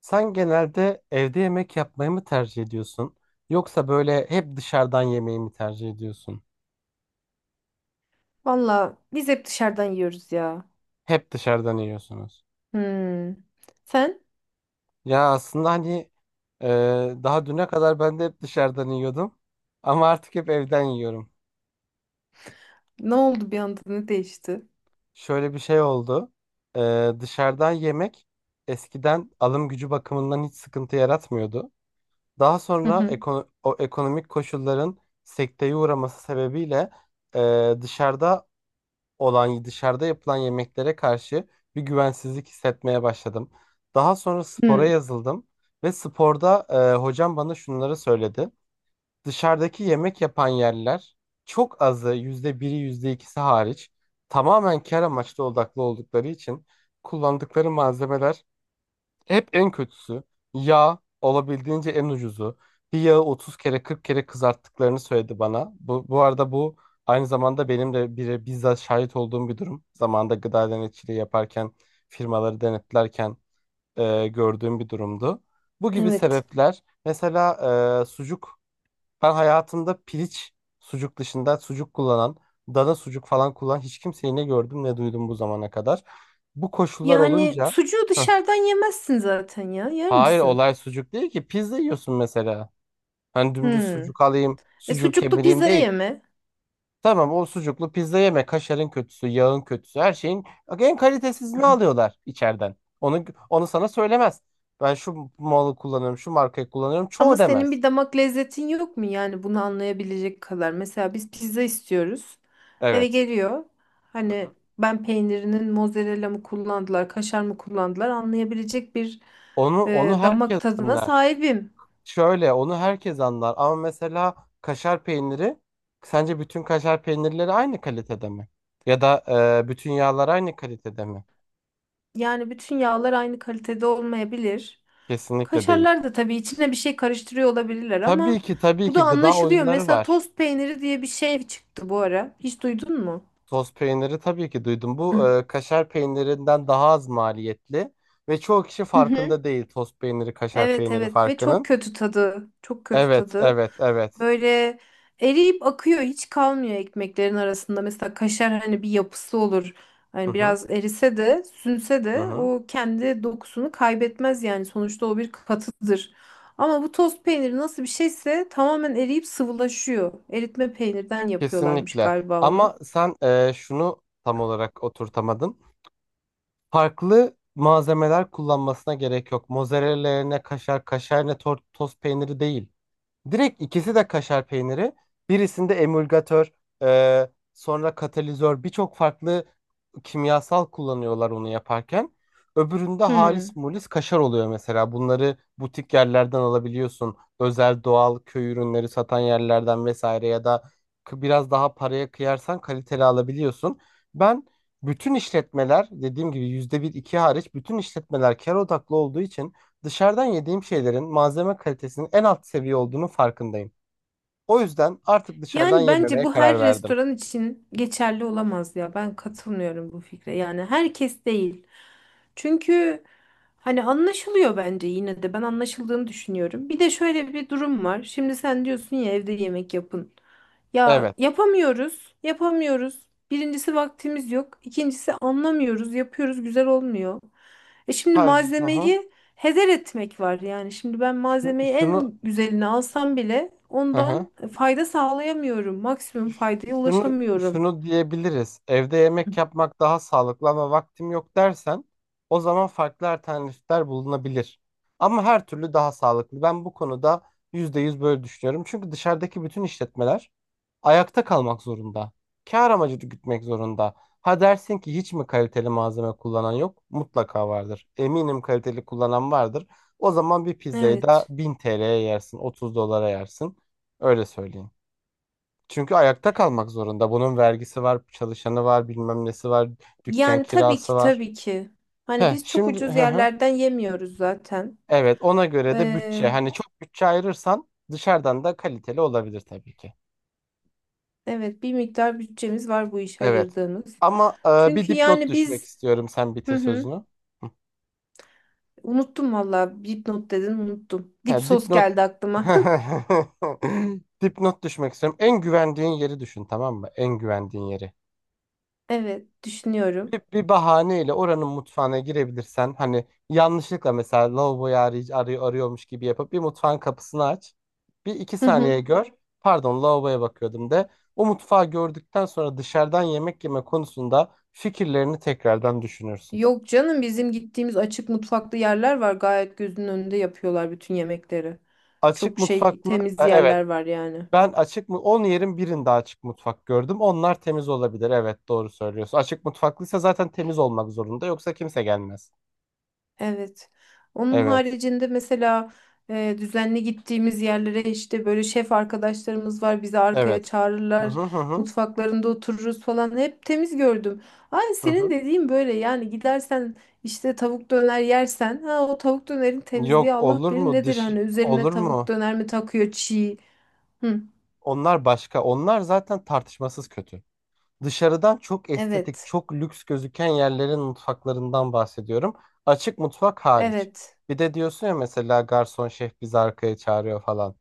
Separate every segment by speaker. Speaker 1: Sen genelde evde yemek yapmayı mı tercih ediyorsun? Yoksa böyle hep dışarıdan yemeği mi tercih ediyorsun?
Speaker 2: Valla biz hep dışarıdan yiyoruz ya.
Speaker 1: Hep dışarıdan yiyorsunuz.
Speaker 2: Hmm. Sen?
Speaker 1: Ya aslında hani e, daha düne kadar ben de hep dışarıdan yiyordum. Ama artık hep evden yiyorum.
Speaker 2: Ne oldu bir anda? Ne değişti?
Speaker 1: Şöyle bir şey oldu. Dışarıdan yemek eskiden alım gücü bakımından hiç sıkıntı yaratmıyordu. Daha
Speaker 2: Hı
Speaker 1: sonra
Speaker 2: hı.
Speaker 1: o ekonomik koşulların sekteye uğraması sebebiyle dışarıda olan dışarıda yapılan yemeklere karşı bir güvensizlik hissetmeye başladım. Daha sonra spora
Speaker 2: Hmm.
Speaker 1: yazıldım ve sporda hocam bana şunları söyledi. Dışarıdaki yemek yapan yerler, çok azı, %1'i yüzde ikisi hariç, tamamen kar amaçlı odaklı oldukları için kullandıkları malzemeler hep en kötüsü. Yağ olabildiğince en ucuzu. Bir yağı 30 kere 40 kere kızarttıklarını söyledi bana. Bu arada bu aynı zamanda benim de bire bizzat şahit olduğum bir durum. Zamanında gıda denetçiliği yaparken, firmaları denetlerken gördüğüm bir durumdu. Bu gibi
Speaker 2: Evet.
Speaker 1: sebepler mesela. Sucuk, ben hayatımda piliç sucuk dışında sucuk kullanan, dana sucuk falan kullanan hiç kimseyi ne gördüm ne duydum bu zamana kadar. Bu koşullar
Speaker 2: Yani
Speaker 1: olunca.
Speaker 2: sucuğu dışarıdan yemezsin zaten ya. Yer
Speaker 1: Hayır,
Speaker 2: misin?
Speaker 1: olay sucuk değil ki. Pizza yiyorsun mesela. Hani dümdüz
Speaker 2: Hmm.
Speaker 1: sucuk alayım,
Speaker 2: E
Speaker 1: sucuğu
Speaker 2: sucuklu
Speaker 1: kemireyim
Speaker 2: pizza
Speaker 1: değil.
Speaker 2: yeme.
Speaker 1: Tamam, o sucuklu pizza yeme. Kaşarın kötüsü, yağın kötüsü, her şeyin en kalitesizini
Speaker 2: Hı.
Speaker 1: alıyorlar içeriden. Onu sana söylemez. Ben şu malı kullanıyorum, şu markayı kullanıyorum.
Speaker 2: Ama
Speaker 1: Çoğu
Speaker 2: senin
Speaker 1: demez.
Speaker 2: bir damak lezzetin yok mu yani bunu anlayabilecek kadar? Mesela biz pizza istiyoruz. Eve
Speaker 1: Evet.
Speaker 2: geliyor.
Speaker 1: Hı hı.
Speaker 2: Hani ben peynirinin mozzarella mı kullandılar, kaşar mı kullandılar anlayabilecek bir
Speaker 1: Onu onu herkes
Speaker 2: damak tadına
Speaker 1: anlar.
Speaker 2: sahibim.
Speaker 1: Şöyle, onu herkes anlar ama mesela kaşar peyniri, sence bütün kaşar peynirleri aynı kalitede mi? Ya da bütün yağlar aynı kalitede mi?
Speaker 2: Yani bütün yağlar aynı kalitede olmayabilir.
Speaker 1: Kesinlikle değil.
Speaker 2: Kaşarlar da tabii içine bir şey karıştırıyor olabilirler
Speaker 1: Tabii
Speaker 2: ama
Speaker 1: ki tabii
Speaker 2: bu da
Speaker 1: ki gıda
Speaker 2: anlaşılıyor.
Speaker 1: oyunları
Speaker 2: Mesela
Speaker 1: var.
Speaker 2: tost peyniri diye bir şey çıktı bu ara. Hiç duydun mu?
Speaker 1: Toz peyniri tabii ki duydum. Bu
Speaker 2: Hı.
Speaker 1: kaşar peynirinden daha az maliyetli ve çoğu kişi
Speaker 2: Hı hı.
Speaker 1: farkında değil toz peyniri kaşar
Speaker 2: Evet
Speaker 1: peyniri
Speaker 2: evet ve çok
Speaker 1: farkının.
Speaker 2: kötü tadı. Çok kötü
Speaker 1: Evet
Speaker 2: tadı.
Speaker 1: evet evet.
Speaker 2: Böyle eriyip akıyor. Hiç kalmıyor ekmeklerin arasında. Mesela kaşar hani bir yapısı olur.
Speaker 1: Hı
Speaker 2: Hani
Speaker 1: hı,
Speaker 2: biraz erise de sünse
Speaker 1: hı
Speaker 2: de
Speaker 1: hı.
Speaker 2: o kendi dokusunu kaybetmez yani. Sonuçta o bir katıdır. Ama bu toz peyniri nasıl bir şeyse tamamen eriyip sıvılaşıyor. Eritme peynirden yapıyorlarmış
Speaker 1: Kesinlikle.
Speaker 2: galiba onu.
Speaker 1: Ama sen şunu tam olarak oturtamadın. Farklı malzemeler kullanmasına gerek yok. Mozzarella yerine kaşar, kaşar yerine toz peyniri değil. Direkt ikisi de kaşar peyniri. Birisinde emulgatör, sonra katalizör, birçok farklı kimyasal kullanıyorlar onu yaparken. Öbüründe halis
Speaker 2: Hmm.
Speaker 1: mulis kaşar oluyor mesela. Bunları butik yerlerden alabiliyorsun. Özel doğal köy ürünleri satan yerlerden vesaire, ya da biraz daha paraya kıyarsan kaliteli alabiliyorsun. Ben, bütün işletmeler dediğim gibi yüzde bir iki hariç bütün işletmeler kar odaklı olduğu için, dışarıdan yediğim şeylerin malzeme kalitesinin en alt seviye olduğunu farkındayım. O yüzden artık dışarıdan
Speaker 2: Yani bence
Speaker 1: yememeye
Speaker 2: bu her
Speaker 1: karar verdim.
Speaker 2: restoran için geçerli olamaz ya. Ben katılmıyorum bu fikre. Yani herkes değil. Çünkü hani anlaşılıyor bence yine de ben anlaşıldığını düşünüyorum. Bir de şöyle bir durum var. Şimdi sen diyorsun ya evde yemek yapın. Ya
Speaker 1: Evet.
Speaker 2: yapamıyoruz, yapamıyoruz. Birincisi vaktimiz yok. İkincisi anlamıyoruz, yapıyoruz, güzel olmuyor. E şimdi
Speaker 1: Ha, hı hı.
Speaker 2: malzemeyi heder etmek var yani. Şimdi ben malzemeyi
Speaker 1: Şunu
Speaker 2: en güzelini alsam bile
Speaker 1: hı hı.
Speaker 2: ondan fayda sağlayamıyorum. Maksimum faydaya
Speaker 1: Şunu
Speaker 2: ulaşamıyorum.
Speaker 1: şunu diyebiliriz. Evde yemek yapmak daha sağlıklı ama vaktim yok dersen, o zaman farklı alternatifler bulunabilir. Ama her türlü daha sağlıklı. Ben bu konuda %100 böyle düşünüyorum. Çünkü dışarıdaki bütün işletmeler ayakta kalmak zorunda. Kâr amacı gütmek zorunda. Ha dersin ki hiç mi kaliteli malzeme kullanan yok? Mutlaka vardır. Eminim kaliteli kullanan vardır. O zaman bir pizzayı da
Speaker 2: Evet.
Speaker 1: 1000 TL'ye yersin, 30 dolara yersin. Öyle söyleyeyim. Çünkü ayakta kalmak zorunda. Bunun vergisi var, çalışanı var, bilmem nesi var, dükkan
Speaker 2: Yani tabii
Speaker 1: kirası
Speaker 2: ki
Speaker 1: var.
Speaker 2: tabii ki. Hani
Speaker 1: He,
Speaker 2: biz çok
Speaker 1: şimdi,
Speaker 2: ucuz
Speaker 1: hı hı.
Speaker 2: yerlerden yemiyoruz zaten.
Speaker 1: Evet, ona göre de
Speaker 2: Ee,
Speaker 1: bütçe. Hani çok bütçe ayırırsan dışarıdan da kaliteli olabilir tabii ki.
Speaker 2: evet bir miktar bütçemiz var bu iş
Speaker 1: Evet.
Speaker 2: ayırdığımız.
Speaker 1: Ama bir
Speaker 2: Çünkü
Speaker 1: dipnot
Speaker 2: yani
Speaker 1: düşmek
Speaker 2: biz
Speaker 1: istiyorum. Sen
Speaker 2: hı
Speaker 1: bitir
Speaker 2: hı,
Speaker 1: sözünü.
Speaker 2: unuttum valla dipnot dedin unuttum.
Speaker 1: He,
Speaker 2: Dip sos
Speaker 1: dipnot.
Speaker 2: geldi aklıma.
Speaker 1: Dipnot düşmek istiyorum. En güvendiğin yeri düşün, tamam mı? En güvendiğin yeri.
Speaker 2: Evet düşünüyorum.
Speaker 1: Bir, bir bahaneyle oranın mutfağına girebilirsen, hani yanlışlıkla mesela lavaboyu arıyor, arıyor, arıyormuş gibi yapıp bir mutfağın kapısını aç. Bir iki
Speaker 2: Hı hı.
Speaker 1: saniye gör. Pardon, lavaboya bakıyordum de. O mutfağı gördükten sonra dışarıdan yemek yeme konusunda fikirlerini tekrardan düşünürsün.
Speaker 2: Yok canım bizim gittiğimiz açık mutfaklı yerler var. Gayet gözünün önünde yapıyorlar bütün yemekleri.
Speaker 1: Açık
Speaker 2: Çok şey
Speaker 1: mutfaklı.
Speaker 2: temiz
Speaker 1: Evet,
Speaker 2: yerler var yani.
Speaker 1: ben açık mı 10 yerin birinde açık mutfak gördüm. Onlar temiz olabilir. Evet, doğru söylüyorsun. Açık mutfaklıysa zaten temiz olmak zorunda, yoksa kimse gelmez.
Speaker 2: Evet. Onun
Speaker 1: Evet.
Speaker 2: haricinde mesela düzenli gittiğimiz yerlere işte böyle şef arkadaşlarımız var bizi arkaya
Speaker 1: Evet. Hı
Speaker 2: çağırırlar.
Speaker 1: hı hı hı.
Speaker 2: Mutfaklarında otururuz falan. Hep temiz gördüm. Ay
Speaker 1: Hı hı.
Speaker 2: senin dediğin böyle yani gidersen işte tavuk döner yersen ha o tavuk dönerin temizliği
Speaker 1: Yok,
Speaker 2: Allah
Speaker 1: olur
Speaker 2: bilir
Speaker 1: mu,
Speaker 2: nedir
Speaker 1: dış
Speaker 2: hani üzerine
Speaker 1: olur
Speaker 2: tavuk
Speaker 1: mu?
Speaker 2: döner mi takıyor çiğ. Hı.
Speaker 1: Onlar başka. Onlar zaten tartışmasız kötü. Dışarıdan çok estetik,
Speaker 2: Evet.
Speaker 1: çok lüks gözüken yerlerin mutfaklarından bahsediyorum. Açık mutfak hariç.
Speaker 2: Evet.
Speaker 1: Bir de diyorsun ya mesela garson şef bizi arkaya çağırıyor falan.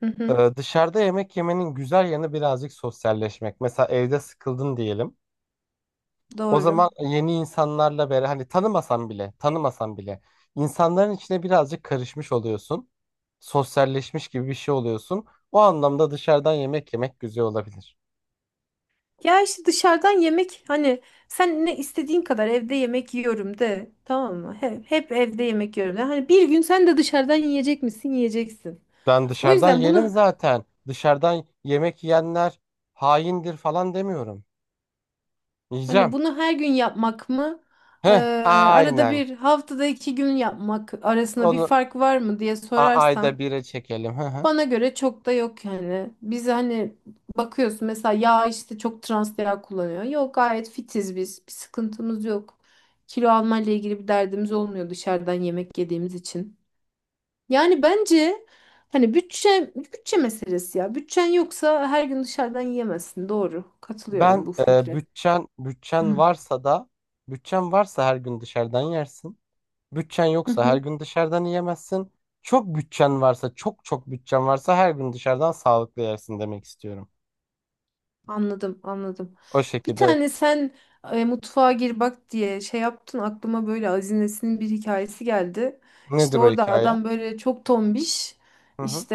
Speaker 2: Hı hı.
Speaker 1: Dışarıda yemek yemenin güzel yanı birazcık sosyalleşmek. Mesela evde sıkıldın diyelim. O
Speaker 2: Doğru.
Speaker 1: zaman yeni insanlarla beraber, hani tanımasan bile tanımasan bile, insanların içine birazcık karışmış oluyorsun. Sosyalleşmiş gibi bir şey oluyorsun. O anlamda dışarıdan yemek yemek güzel olabilir.
Speaker 2: Ya işte dışarıdan yemek hani sen ne istediğin kadar evde yemek yiyorum de tamam mı? Hep evde yemek yiyorum de. Hani bir gün sen de dışarıdan yiyecek misin? Yiyeceksin.
Speaker 1: Ben
Speaker 2: O
Speaker 1: dışarıdan
Speaker 2: yüzden
Speaker 1: yerim
Speaker 2: bunu
Speaker 1: zaten. Dışarıdan yemek yiyenler haindir falan demiyorum.
Speaker 2: hani
Speaker 1: Yiyeceğim.
Speaker 2: bunu her gün yapmak mı? Ee,
Speaker 1: Heh,
Speaker 2: arada
Speaker 1: aynen.
Speaker 2: bir haftada iki gün yapmak arasında bir
Speaker 1: Onu
Speaker 2: fark var mı diye sorarsan
Speaker 1: ayda bire çekelim. Hı hı.
Speaker 2: bana göre çok da yok yani. Biz hani bakıyorsun mesela yağ işte çok trans yağ kullanıyor. Yok gayet fitiz biz. Bir sıkıntımız yok. Kilo almayla ilgili bir derdimiz olmuyor dışarıdan yemek yediğimiz için. Yani bence hani bütçe meselesi ya. Bütçen yoksa her gün dışarıdan yiyemezsin. Doğru.
Speaker 1: Ben
Speaker 2: Katılıyorum bu
Speaker 1: e,
Speaker 2: fikre.
Speaker 1: bütçen
Speaker 2: Hı
Speaker 1: bütçen varsa da Bütçen varsa her gün dışarıdan yersin. Bütçen
Speaker 2: hı.
Speaker 1: yoksa her
Speaker 2: Hı.
Speaker 1: gün dışarıdan yiyemezsin. Çok bütçen varsa, çok çok bütçen varsa her gün dışarıdan sağlıklı yersin demek istiyorum.
Speaker 2: Anladım, anladım.
Speaker 1: O
Speaker 2: Bir
Speaker 1: şekilde.
Speaker 2: tane sen mutfağa gir bak diye şey yaptın aklıma böyle Azines'in bir hikayesi geldi. İşte
Speaker 1: Nedir o
Speaker 2: orada
Speaker 1: hikaye?
Speaker 2: adam böyle çok tombiş
Speaker 1: Hı hı.
Speaker 2: işte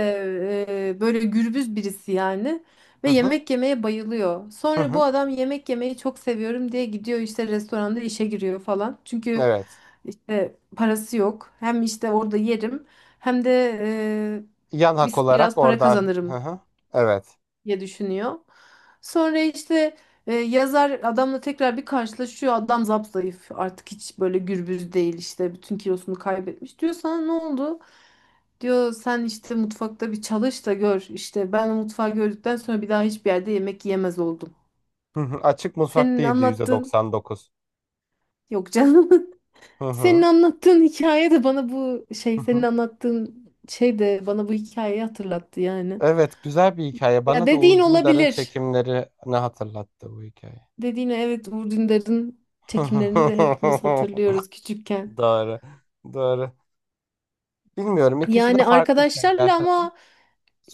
Speaker 2: böyle gürbüz birisi yani
Speaker 1: Hı
Speaker 2: ve
Speaker 1: hı.
Speaker 2: yemek yemeye bayılıyor.
Speaker 1: Hı
Speaker 2: Sonra bu
Speaker 1: hı.
Speaker 2: adam yemek yemeyi çok seviyorum diye gidiyor işte restoranda işe giriyor falan. Çünkü
Speaker 1: Evet.
Speaker 2: işte parası yok. Hem işte orada yerim hem de
Speaker 1: Yan hak
Speaker 2: biz
Speaker 1: olarak
Speaker 2: biraz para
Speaker 1: orada. Hı
Speaker 2: kazanırım
Speaker 1: hı. Evet.
Speaker 2: diye düşünüyor. Sonra işte yazar adamla tekrar bir karşılaşıyor. Adam zayıf artık hiç böyle gürbüz değil işte bütün kilosunu kaybetmiş. Diyor sana ne oldu? Diyor sen işte mutfakta bir çalış da gör. İşte ben o mutfağı gördükten sonra bir daha hiçbir yerde yemek yemez oldum.
Speaker 1: Hı hı. Açık mutfak
Speaker 2: Senin
Speaker 1: değildi
Speaker 2: anlattığın
Speaker 1: %99.
Speaker 2: yok canım.
Speaker 1: Hı
Speaker 2: Senin
Speaker 1: hı.
Speaker 2: anlattığın hikaye de bana bu şey
Speaker 1: Hı
Speaker 2: senin
Speaker 1: hı.
Speaker 2: anlattığın şey de bana bu hikayeyi hatırlattı yani.
Speaker 1: Evet, güzel bir hikaye.
Speaker 2: Ya
Speaker 1: Bana da
Speaker 2: dediğin
Speaker 1: Uğur Dündar'ın
Speaker 2: olabilir.
Speaker 1: çekimlerini hatırlattı bu hikaye.
Speaker 2: Dediğine evet Uğur Dündar'ın çekimlerini de hepimiz hatırlıyoruz küçükken.
Speaker 1: Doğru. Doğru. Bilmiyorum. İkisi de
Speaker 2: Yani
Speaker 1: farklı
Speaker 2: arkadaşlarla
Speaker 1: şeyler.
Speaker 2: ama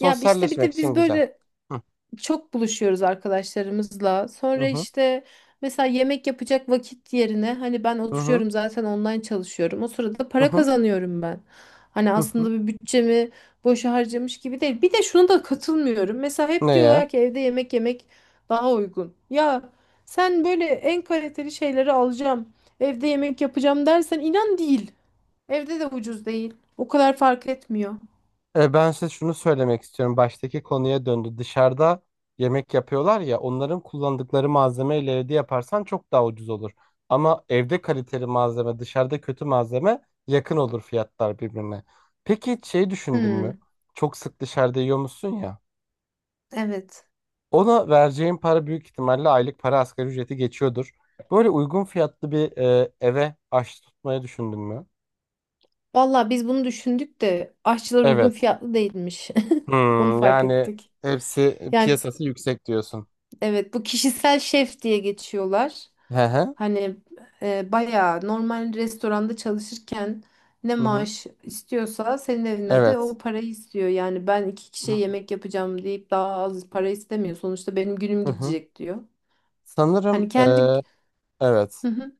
Speaker 2: ya işte bir de
Speaker 1: için
Speaker 2: biz
Speaker 1: güzel.
Speaker 2: böyle
Speaker 1: Hı
Speaker 2: çok buluşuyoruz arkadaşlarımızla.
Speaker 1: hı
Speaker 2: Sonra
Speaker 1: hı
Speaker 2: işte mesela yemek yapacak vakit yerine hani ben
Speaker 1: hı
Speaker 2: oturuyorum zaten online çalışıyorum. O sırada para
Speaker 1: hı
Speaker 2: kazanıyorum ben. Hani
Speaker 1: hı. Hı.
Speaker 2: aslında bir bütçemi boşa harcamış gibi değil. Bir de şunu da katılmıyorum. Mesela hep
Speaker 1: Ne ya?
Speaker 2: diyorlar ki evde yemek yemek daha uygun. Ya sen böyle en kaliteli şeyleri alacağım, evde yemek yapacağım dersen inan değil. Evde de ucuz değil. O kadar fark etmiyor.
Speaker 1: Ben size şunu söylemek istiyorum. Baştaki konuya döndü. Dışarıda yemek yapıyorlar ya, onların kullandıkları malzemeyle evde yaparsan çok daha ucuz olur. Ama evde kaliteli malzeme, dışarıda kötü malzeme, yakın olur fiyatlar birbirine. Peki hiç şey düşündün mü?
Speaker 2: Hmm,
Speaker 1: Çok sık dışarıda yiyor ya?
Speaker 2: evet.
Speaker 1: Ona vereceğin para büyük ihtimalle aylık para, asgari ücreti geçiyordur. Böyle uygun fiyatlı bir eve aç tutmayı düşündün mü?
Speaker 2: Valla biz bunu düşündük de aşçılar uygun
Speaker 1: Evet.
Speaker 2: fiyatlı değilmiş. Onu
Speaker 1: Hmm,
Speaker 2: fark
Speaker 1: yani
Speaker 2: ettik.
Speaker 1: hepsi
Speaker 2: Yani
Speaker 1: piyasası yüksek diyorsun.
Speaker 2: evet bu kişisel şef diye geçiyorlar.
Speaker 1: Hı hı.
Speaker 2: Hani bayağı normal restoranda çalışırken ne
Speaker 1: Hı hı.
Speaker 2: maaş istiyorsa senin evine de
Speaker 1: Evet.
Speaker 2: o parayı istiyor. Yani ben iki
Speaker 1: Hı
Speaker 2: kişiye
Speaker 1: hı.
Speaker 2: yemek yapacağım deyip daha az para istemiyor. Sonuçta benim günüm
Speaker 1: Hı hı.
Speaker 2: gidecek diyor.
Speaker 1: Sanırım,
Speaker 2: Hani kendi
Speaker 1: evet.
Speaker 2: hı hı,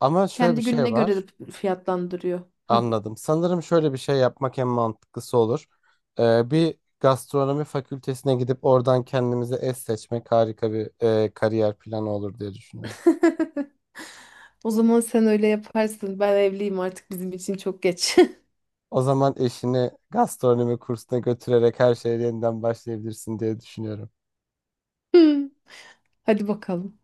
Speaker 1: Ama şöyle bir
Speaker 2: kendi
Speaker 1: şey
Speaker 2: gününe göre
Speaker 1: var.
Speaker 2: de fiyatlandırıyor. Hı.
Speaker 1: Anladım. Sanırım şöyle bir şey yapmak en mantıklısı olur. Bir gastronomi fakültesine gidip oradan kendimize eş seçmek harika bir kariyer planı olur diye düşünüyorum.
Speaker 2: O zaman sen öyle yaparsın. Ben evliyim artık bizim için çok geç.
Speaker 1: O zaman eşini gastronomi kursuna götürerek her şeye yeniden başlayabilirsin diye düşünüyorum.
Speaker 2: Hadi bakalım.